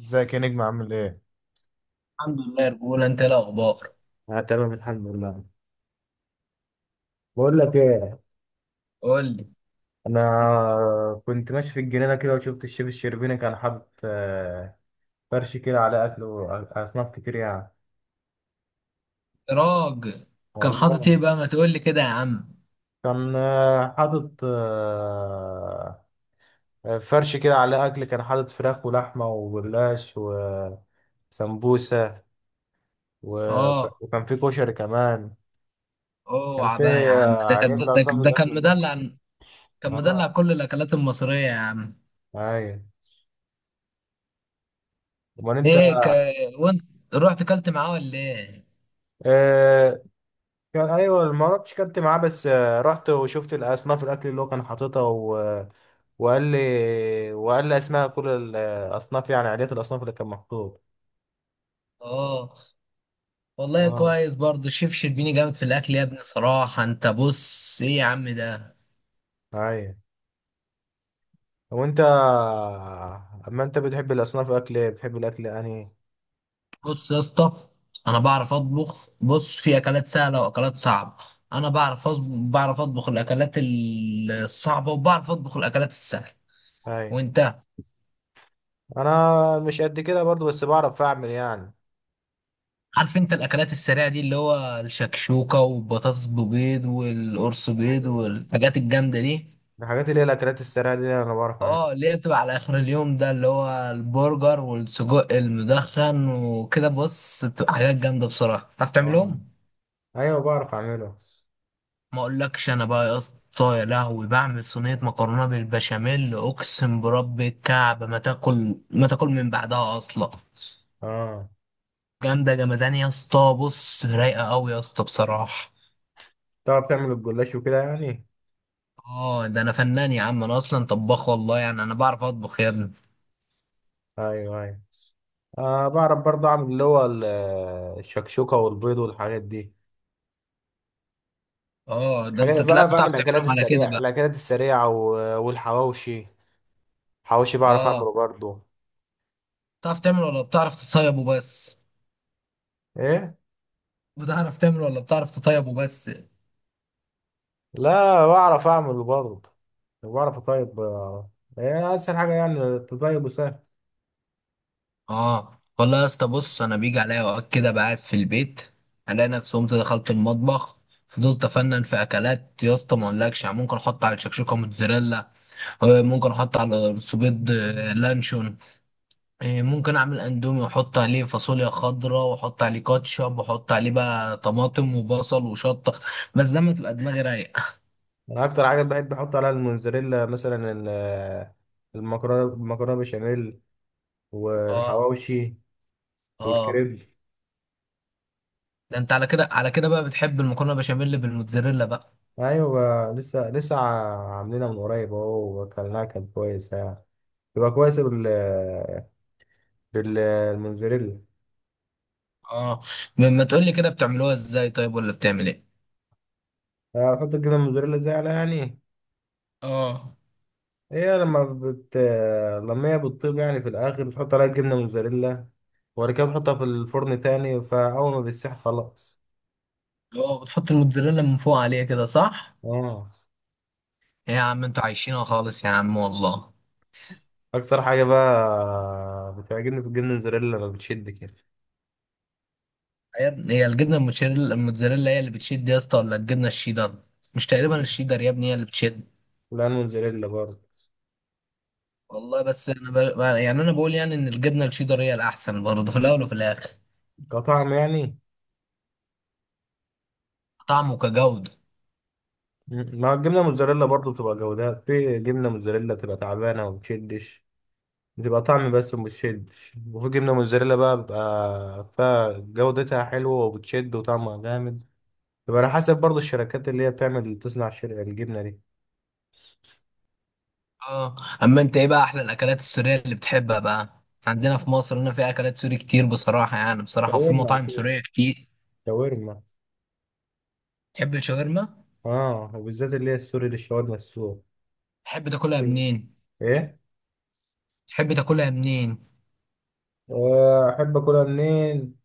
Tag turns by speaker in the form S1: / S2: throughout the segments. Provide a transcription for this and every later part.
S1: ازيك يا نجم، عامل ايه؟
S2: الحمد لله يا رجولة، انت ايه الاخبار؟
S1: آه، تمام، الحمد لله. بقول لك ايه.
S2: قول لي.
S1: انا كنت ماشي في الجنينه كده وشفت الشيف الشربيني. كان حاطط فرش كده على اكل واصناف كتير يعني.
S2: راجل، كان حاطط
S1: والله.
S2: ايه بقى؟ ما تقول لي كده يا عم.
S1: كان حاطط فرش كده على اكل. كان حاطط فراخ ولحمه وجلاش وسمبوسه و-
S2: اه،
S1: وكان في كشري كمان. كان
S2: اوعى
S1: في
S2: بقى يا عم، ده كان،
S1: عليات
S2: ده,
S1: الاصناف،
S2: ده
S1: الاكل
S2: كان
S1: المصري.
S2: مدلع. كان
S1: اه.
S2: مدلع كل الاكلات المصرية يا عم.
S1: ايوه. امال انت؟
S2: ليه وانت رحت اكلت معاه ولا ايه؟
S1: آه، كان، ايوه، ما رحتش، كنت معاه، بس رحت وشفت الاصناف، الاكل اللي هو كان حاططها وقال لي اسماء كل الاصناف، يعني عادات الاصناف اللي كان محطوط.
S2: اه والله،
S1: اه.
S2: كويس برضه الشيف شربيني، جامد في الاكل يا ابني صراحة. انت بص ايه يا عم ده،
S1: ايوه. وانت، اما انت بتحب الاصناف، اكل ايه بتحب، الاكل انهي؟
S2: بص يا اسطى، انا بعرف اطبخ. بص، في اكلات سهله واكلات صعبه. انا بعرف بعرف اطبخ الاكلات الصعبه، وبعرف اطبخ الاكلات السهله.
S1: ايوه.
S2: وانت
S1: انا مش قد كده برضو، بس بعرف اعمل يعني.
S2: عارف، انت الاكلات السريعه دي اللي هو الشكشوكه والبطاطس ببيض والقرص بيض
S1: ايوه،
S2: والحاجات الجامده دي.
S1: الحاجات اللي هي الاكلات السريعه دي انا بعرف اعملها.
S2: اه، اللي هي بتبقى على اخر اليوم، ده اللي هو البرجر والسجق المدخن وكده. بص، بتبقى حاجات جامده بصراحه، تعرف
S1: اه.
S2: تعملهم.
S1: ايوه، بعرف اعمله.
S2: ما اقولكش انا بقى يا اسطى، يا لهوي، بعمل صينيه مكرونه بالبشاميل اقسم برب الكعب ما تاكل ما تاكل من بعدها اصلا.
S1: اه.
S2: جامده جمدان يا اسطى، بص رايقه قوي يا اسطى بصراحه.
S1: تعرف تعمل الجلاش وكده يعني.
S2: اه، ده انا فنان يا عم، انا اصلا طباخ والله، يعني انا بعرف اطبخ يا ابني.
S1: ايوه، ايوه. بعرف برضه اعمل اللي هو الشكشوكة والبيض والحاجات دي.
S2: اه، ده انت
S1: الحاجات بقى،
S2: تلاقيك
S1: بعمل
S2: بتعرف
S1: الاكلات
S2: تعملهم على كده
S1: السريعة
S2: بقى.
S1: الاكلات السريعة والحواوشي. حواوشي بعرف
S2: اه،
S1: اعمله برضه.
S2: بتعرف تعمل ولا بتعرف تطيب وبس؟
S1: ايه.
S2: بتعرف تعمل ولا بتعرف تطيب وبس؟
S1: لا، بعرف اعمله برضه. بعرف اطيب ايه اسهل حاجة يعني تطيب وسهل.
S2: اه والله يا اسطى. بص، انا بيجي عليا اوقات كده بقعد في البيت، الاقي نفسي قمت دخلت المطبخ، فضلت افنن في اكلات يا اسطى. ما اقولكش، يعني ممكن احط على الشكشوكه موتزاريلا. ممكن احط على رز بيض لانشون. ممكن اعمل اندومي واحط عليه فاصوليا خضراء، واحط عليه كاتشب، واحط عليه بقى طماطم وبصل وشطه. بس ده ما تبقى دماغي رايقه.
S1: انا اكتر حاجة بحب احط عليها الموزاريلا، مثلا المكرونة بشاميل
S2: اه.
S1: والحواوشي
S2: اه،
S1: والكريب.
S2: ده انت على كده، على كده بقى بتحب المكرونه بشاميل بالموتزاريلا بقى.
S1: ايوه، لسه لسه عاملينها من قريب اهو، واكلناها كانت كويسة يعني. يبقى كويس بالموزاريلا.
S2: اه، ما تقولي كده، بتعملوها ازاي طيب ولا بتعمل ايه؟
S1: هتحط الجبنة الموزاريلا ازاي عليها يعني؟
S2: اه.
S1: هي لما بت لما هي بتطيب يعني، في الآخر بتحط عليها الجبنة موزاريلا، وبعد كده بتحطها في الفرن تاني، فأول ما بتسيح خلاص.
S2: اه، بتحط الموتزاريلا من فوق عليها كده، صح؟
S1: اه.
S2: إيه يا عم، انتوا عايشينها خالص يا عم والله.
S1: أكتر حاجة بقى بتعجبني في الجبنة الموزاريلا لما بتشد كده.
S2: يا ابني، هي الجبنه الموتشاريلا الموتزاريلا هي اللي بتشد يا اسطى ولا الجبنه الشيدر؟ مش تقريبا الشيدر يا ابني هي اللي بتشد؟
S1: لا، الموزاريلا برضه.
S2: والله بس انا يعني انا بقول يعني ان الجبنه الشيدر هي الاحسن برضه في الاول وفي الاخر.
S1: كطعم يعني.
S2: طعم وكجودة.
S1: ما هو الجبنة الموزاريلا برضه بتبقى جودات. في جبنة موزاريلا بتبقى تعبانة وما بتشدش، بتبقى طعم بس ومش شد. وفي جبنة موزاريلا بقى بيبقى فيها جودتها حلوة وبتشد وطعمها جامد. يبقى على حسب برضه الشركات اللي هي بتعمل تصنع الجبنة دي.
S2: اه، اما انت ايه بقى احلى الاكلات السوريه اللي بتحبها بقى؟ عندنا في مصر هنا في اكلات سوري كتير بصراحه، يعني بصراحه، وفي
S1: شاورما
S2: مطاعم
S1: أكيد.
S2: سوريه كتير.
S1: شاورما.
S2: تحب الشاورما؟
S1: اه، وبالذات اللي هي السوري، للشاورما السوري.
S2: تحب تاكلها
S1: مم.
S2: منين؟
S1: ايه.
S2: تحب تاكلها منين؟
S1: احب اكلها منين.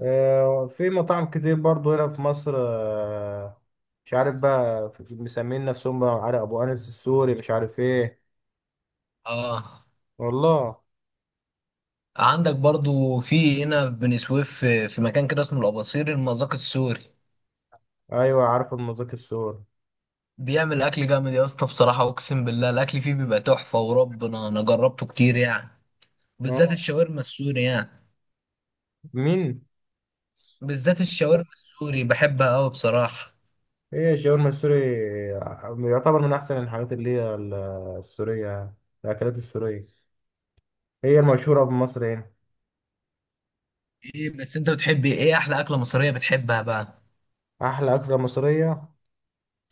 S1: في مطاعم كتير برضو هنا في مصر. مش عارف بقى، مسمين نفسهم بقى، عارف، ابو انس السوري، مش عارف ايه.
S2: اه.
S1: والله.
S2: عندك برضو في هنا في بني سويف، في في مكان كده اسمه الأباصيري المذاق السوري.
S1: ايوه، عارف المذاق السوري.
S2: بيعمل أكل جامد يا اسطى بصراحة، أقسم بالله الأكل فيه بيبقى تحفة وربنا، أنا جربته كتير يعني. بالذات
S1: آه.
S2: الشاورما السوري يعني.
S1: مين؟
S2: بالذات الشاورما السوري بحبها أوي بصراحة.
S1: هي الشاورما السوري يعتبر من أحسن الحاجات اللي هي السورية، الأكلات السورية هي المشهورة بمصر هنا.
S2: إيه بس أنت بتحبي إيه، إيه أحلى أكلة مصرية بتحبها بقى؟
S1: أحلى أكلة مصرية،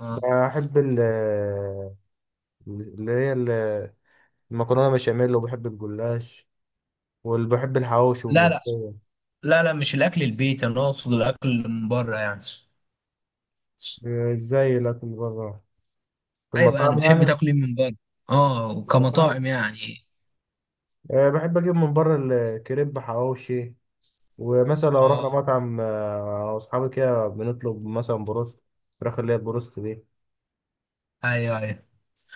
S2: آه.
S1: بحب اللي هي ال- المكرونة بشاميل، وبحب الجلاش، وبحب الحواوشي
S2: لا لا،
S1: والملوخية.
S2: لا لا، مش الأكل البيت، أنا أقصد الأكل اللي من بره يعني.
S1: إيه، زي الأكل بره، في
S2: أيوه يعني
S1: المطاعم يعني.
S2: بتحبي تاكلي من بره، أه
S1: في المطاعم.
S2: كمطاعم يعني.
S1: إيه، بحب أجيب من بره الكريب، حواوشي. ومثلا لو
S2: أه،
S1: رحنا مطعم، أصحابي كده بنطلب مثلا بروست، فراخ اللي هي البروست دي.
S2: أيوه أيوه.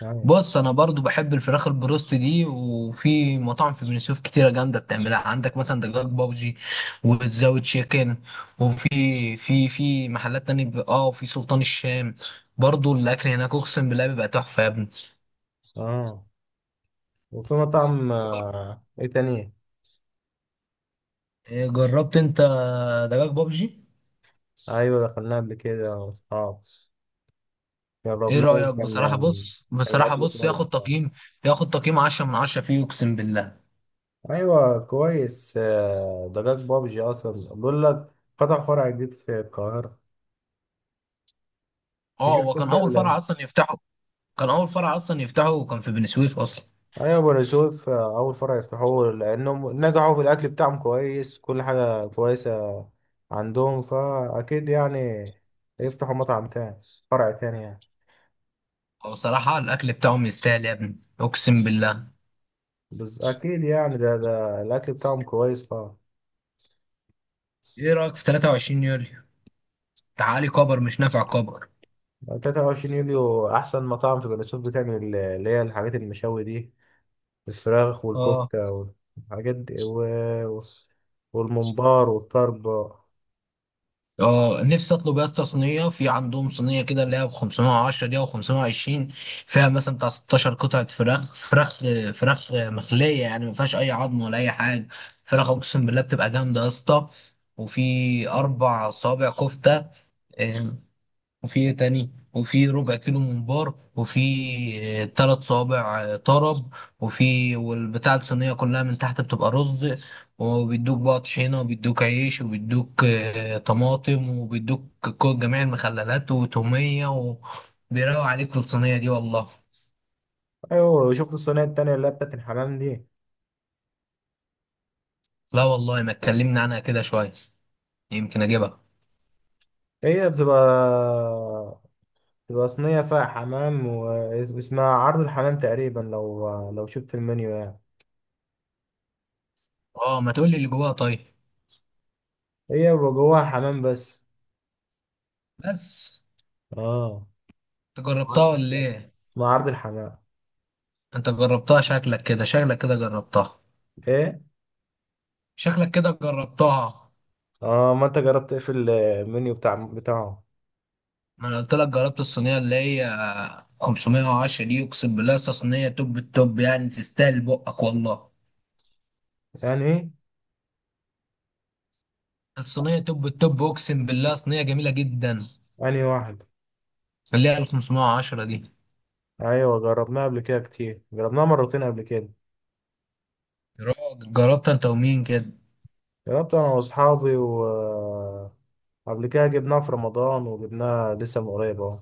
S1: أيوة.
S2: بص انا برضو بحب الفراخ البروست دي، وفي مطاعم في بني سويف كتيره جامده بتعملها، عندك مثلا دجاج بابجي وتزاوي تشيكن، وفي في محلات تانية اه، وفي سلطان الشام برضو الاكل هناك اقسم بالله بيبقى تحفه يا ابني.
S1: اه، وفي مطعم، ايه تاني.
S2: إيه، جربت انت دجاج بابجي؟
S1: ايوه، دخلناه قبل كده واصحاب،
S2: ايه
S1: جربناه.
S2: رايك بصراحه بص
S1: كان
S2: بصراحه
S1: الاكل
S2: بص
S1: كويس
S2: ياخد
S1: يعني.
S2: تقييم ياخد تقييم 10 من 10 فيه اقسم بالله.
S1: ايوه، كويس. ده جاك بابجي اصلا، بقول لك فتح فرع جديد في القاهره.
S2: اه
S1: شفت
S2: هو كان
S1: انت
S2: اول فرع اصلا يفتحه. كان اول فرع اصلا يفتحه وكان في بني سويف اصلا.
S1: ايوه، بني يوسف. اول فرع يفتحوه، لانهم نجحوا في الاكل بتاعهم كويس، كل حاجه كويسه عندهم، فاكيد يعني يفتحوا مطعم تاني، فرع تاني يعني.
S2: هو صراحة الأكل بتاعهم يستاهل يا ابني أقسم بالله.
S1: بس اكيد يعني ده الاكل بتاعهم كويس طبعا.
S2: إيه رأيك في 23 يوليو؟ تعالي كبر، مش نافع كبر.
S1: 23 يوليو احسن مطاعم في بني سويف، بتعمل اللي هي الحاجات المشاوي دي، الفراخ
S2: آه.
S1: والكفته والحاجات دي و- والممبار والطرب.
S2: آه، نفسي أطلب يا اسطى صينية، في عندهم صينية كده اللي هي ب 510 دي أو 520. فيها مثلا بتاع 16 قطعة فراخ مخلية، يعني ما فيهاش أي عظم ولا أي حاجة. فراخ أقسم بالله بتبقى جامدة يا اسطى. وفي أربع صوابع كفتة، آه، وفي إيه تاني، وفي ربع كيلو ممبار، وفي ثلاث صوابع طرب. وفي والبتاع الصينية كلها من تحت بتبقى رز، وبيدوك بقى طحينة، وبيدوك عيش، وبيدوك طماطم، وبيدوك كل جميع المخللات وتومية، وبيروق عليك في الصينية دي والله.
S1: ايوه، شفت الصينيه التانية اللي هي بتاعت الحمام دي.
S2: لا والله، ما اتكلمنا عنها كده شوية، يمكن اجيبها.
S1: هي بتبقى بتبقى صينيه فيها حمام، واسمها عرض الحمام تقريبا، لو شفت المنيو يعني.
S2: اه، ما تقولي اللي جواها طيب.
S1: هي بيبقى جواها حمام بس.
S2: بس.
S1: اه.
S2: انت
S1: اسمها عرض
S2: جربتها ولا
S1: الحمام،
S2: ايه؟
S1: اسمها عرض الحمام.
S2: انت جربتها، شكلك كده، شكلك كده جربتها،
S1: ايه.
S2: شكلك كده جربتها.
S1: اه، ما انت جربت ايه في المنيو بتاعه؟
S2: ما انا قلت لك جربت الصينيه اللي هي 510 دي اقسم بالله. أصل صينيه توب التوب يعني، تستاهل بقك والله.
S1: يعني ايه؟
S2: الصينيه توب التوب اقسم بالله، صينيه جميله جدا،
S1: يعني واحد.
S2: اللي هي ال 510 دي.
S1: ايوه، جربناه قبل كده كتير، جربناه مرتين قبل كده.
S2: يا راجل، جربت انت ومين كده؟
S1: جربت انا واصحابي، و قبل كده جبناه في رمضان، وجبناه لسه من قريب اهو.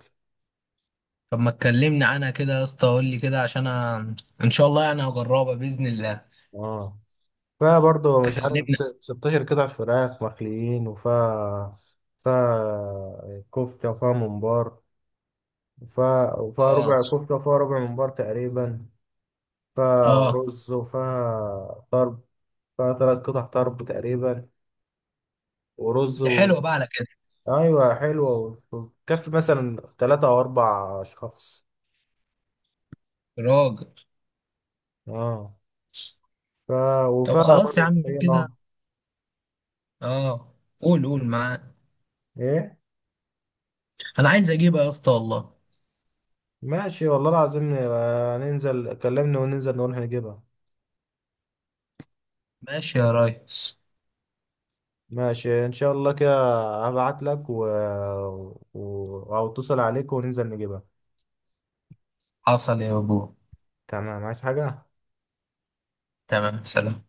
S2: طب ما تكلمني عنها كده يا اسطى، قول لي كده عشان ان شاء الله يعني هجربها باذن الله.
S1: اه، فيها برضه مش عارف،
S2: كلمني.
S1: 16 قطعة فراخ مخليين، وفيها كفتة، وفيها ممبار، وفيها
S2: اه.
S1: ربع كفتة، وفيها ربع ممبار تقريبا، فيها
S2: اه،
S1: رز وفيها طرب، 3 قطع طرب تقريبا، ورز
S2: دي حلوه بقى على كده.
S1: ايوه، حلوه، وتكفي مثلا 3 او 4 اشخاص.
S2: يا راجل.
S1: اه. ف...
S2: طب
S1: وفيها
S2: خلاص يا
S1: برضه
S2: عم
S1: طحينه.
S2: كده. اه. قول معاك.
S1: ايه.
S2: انا عايز اجيبها يا اسطى والله.
S1: ماشي والله العظيم. ننزل، كلمني وننزل نروح نجيبها.
S2: ماشي يا ريس.
S1: ماشي ان شاء الله كده. هبعت لك او اتصل عليك وننزل نجيبها.
S2: حصل يا بابو.
S1: تمام، عايز حاجة؟
S2: تمام سلام.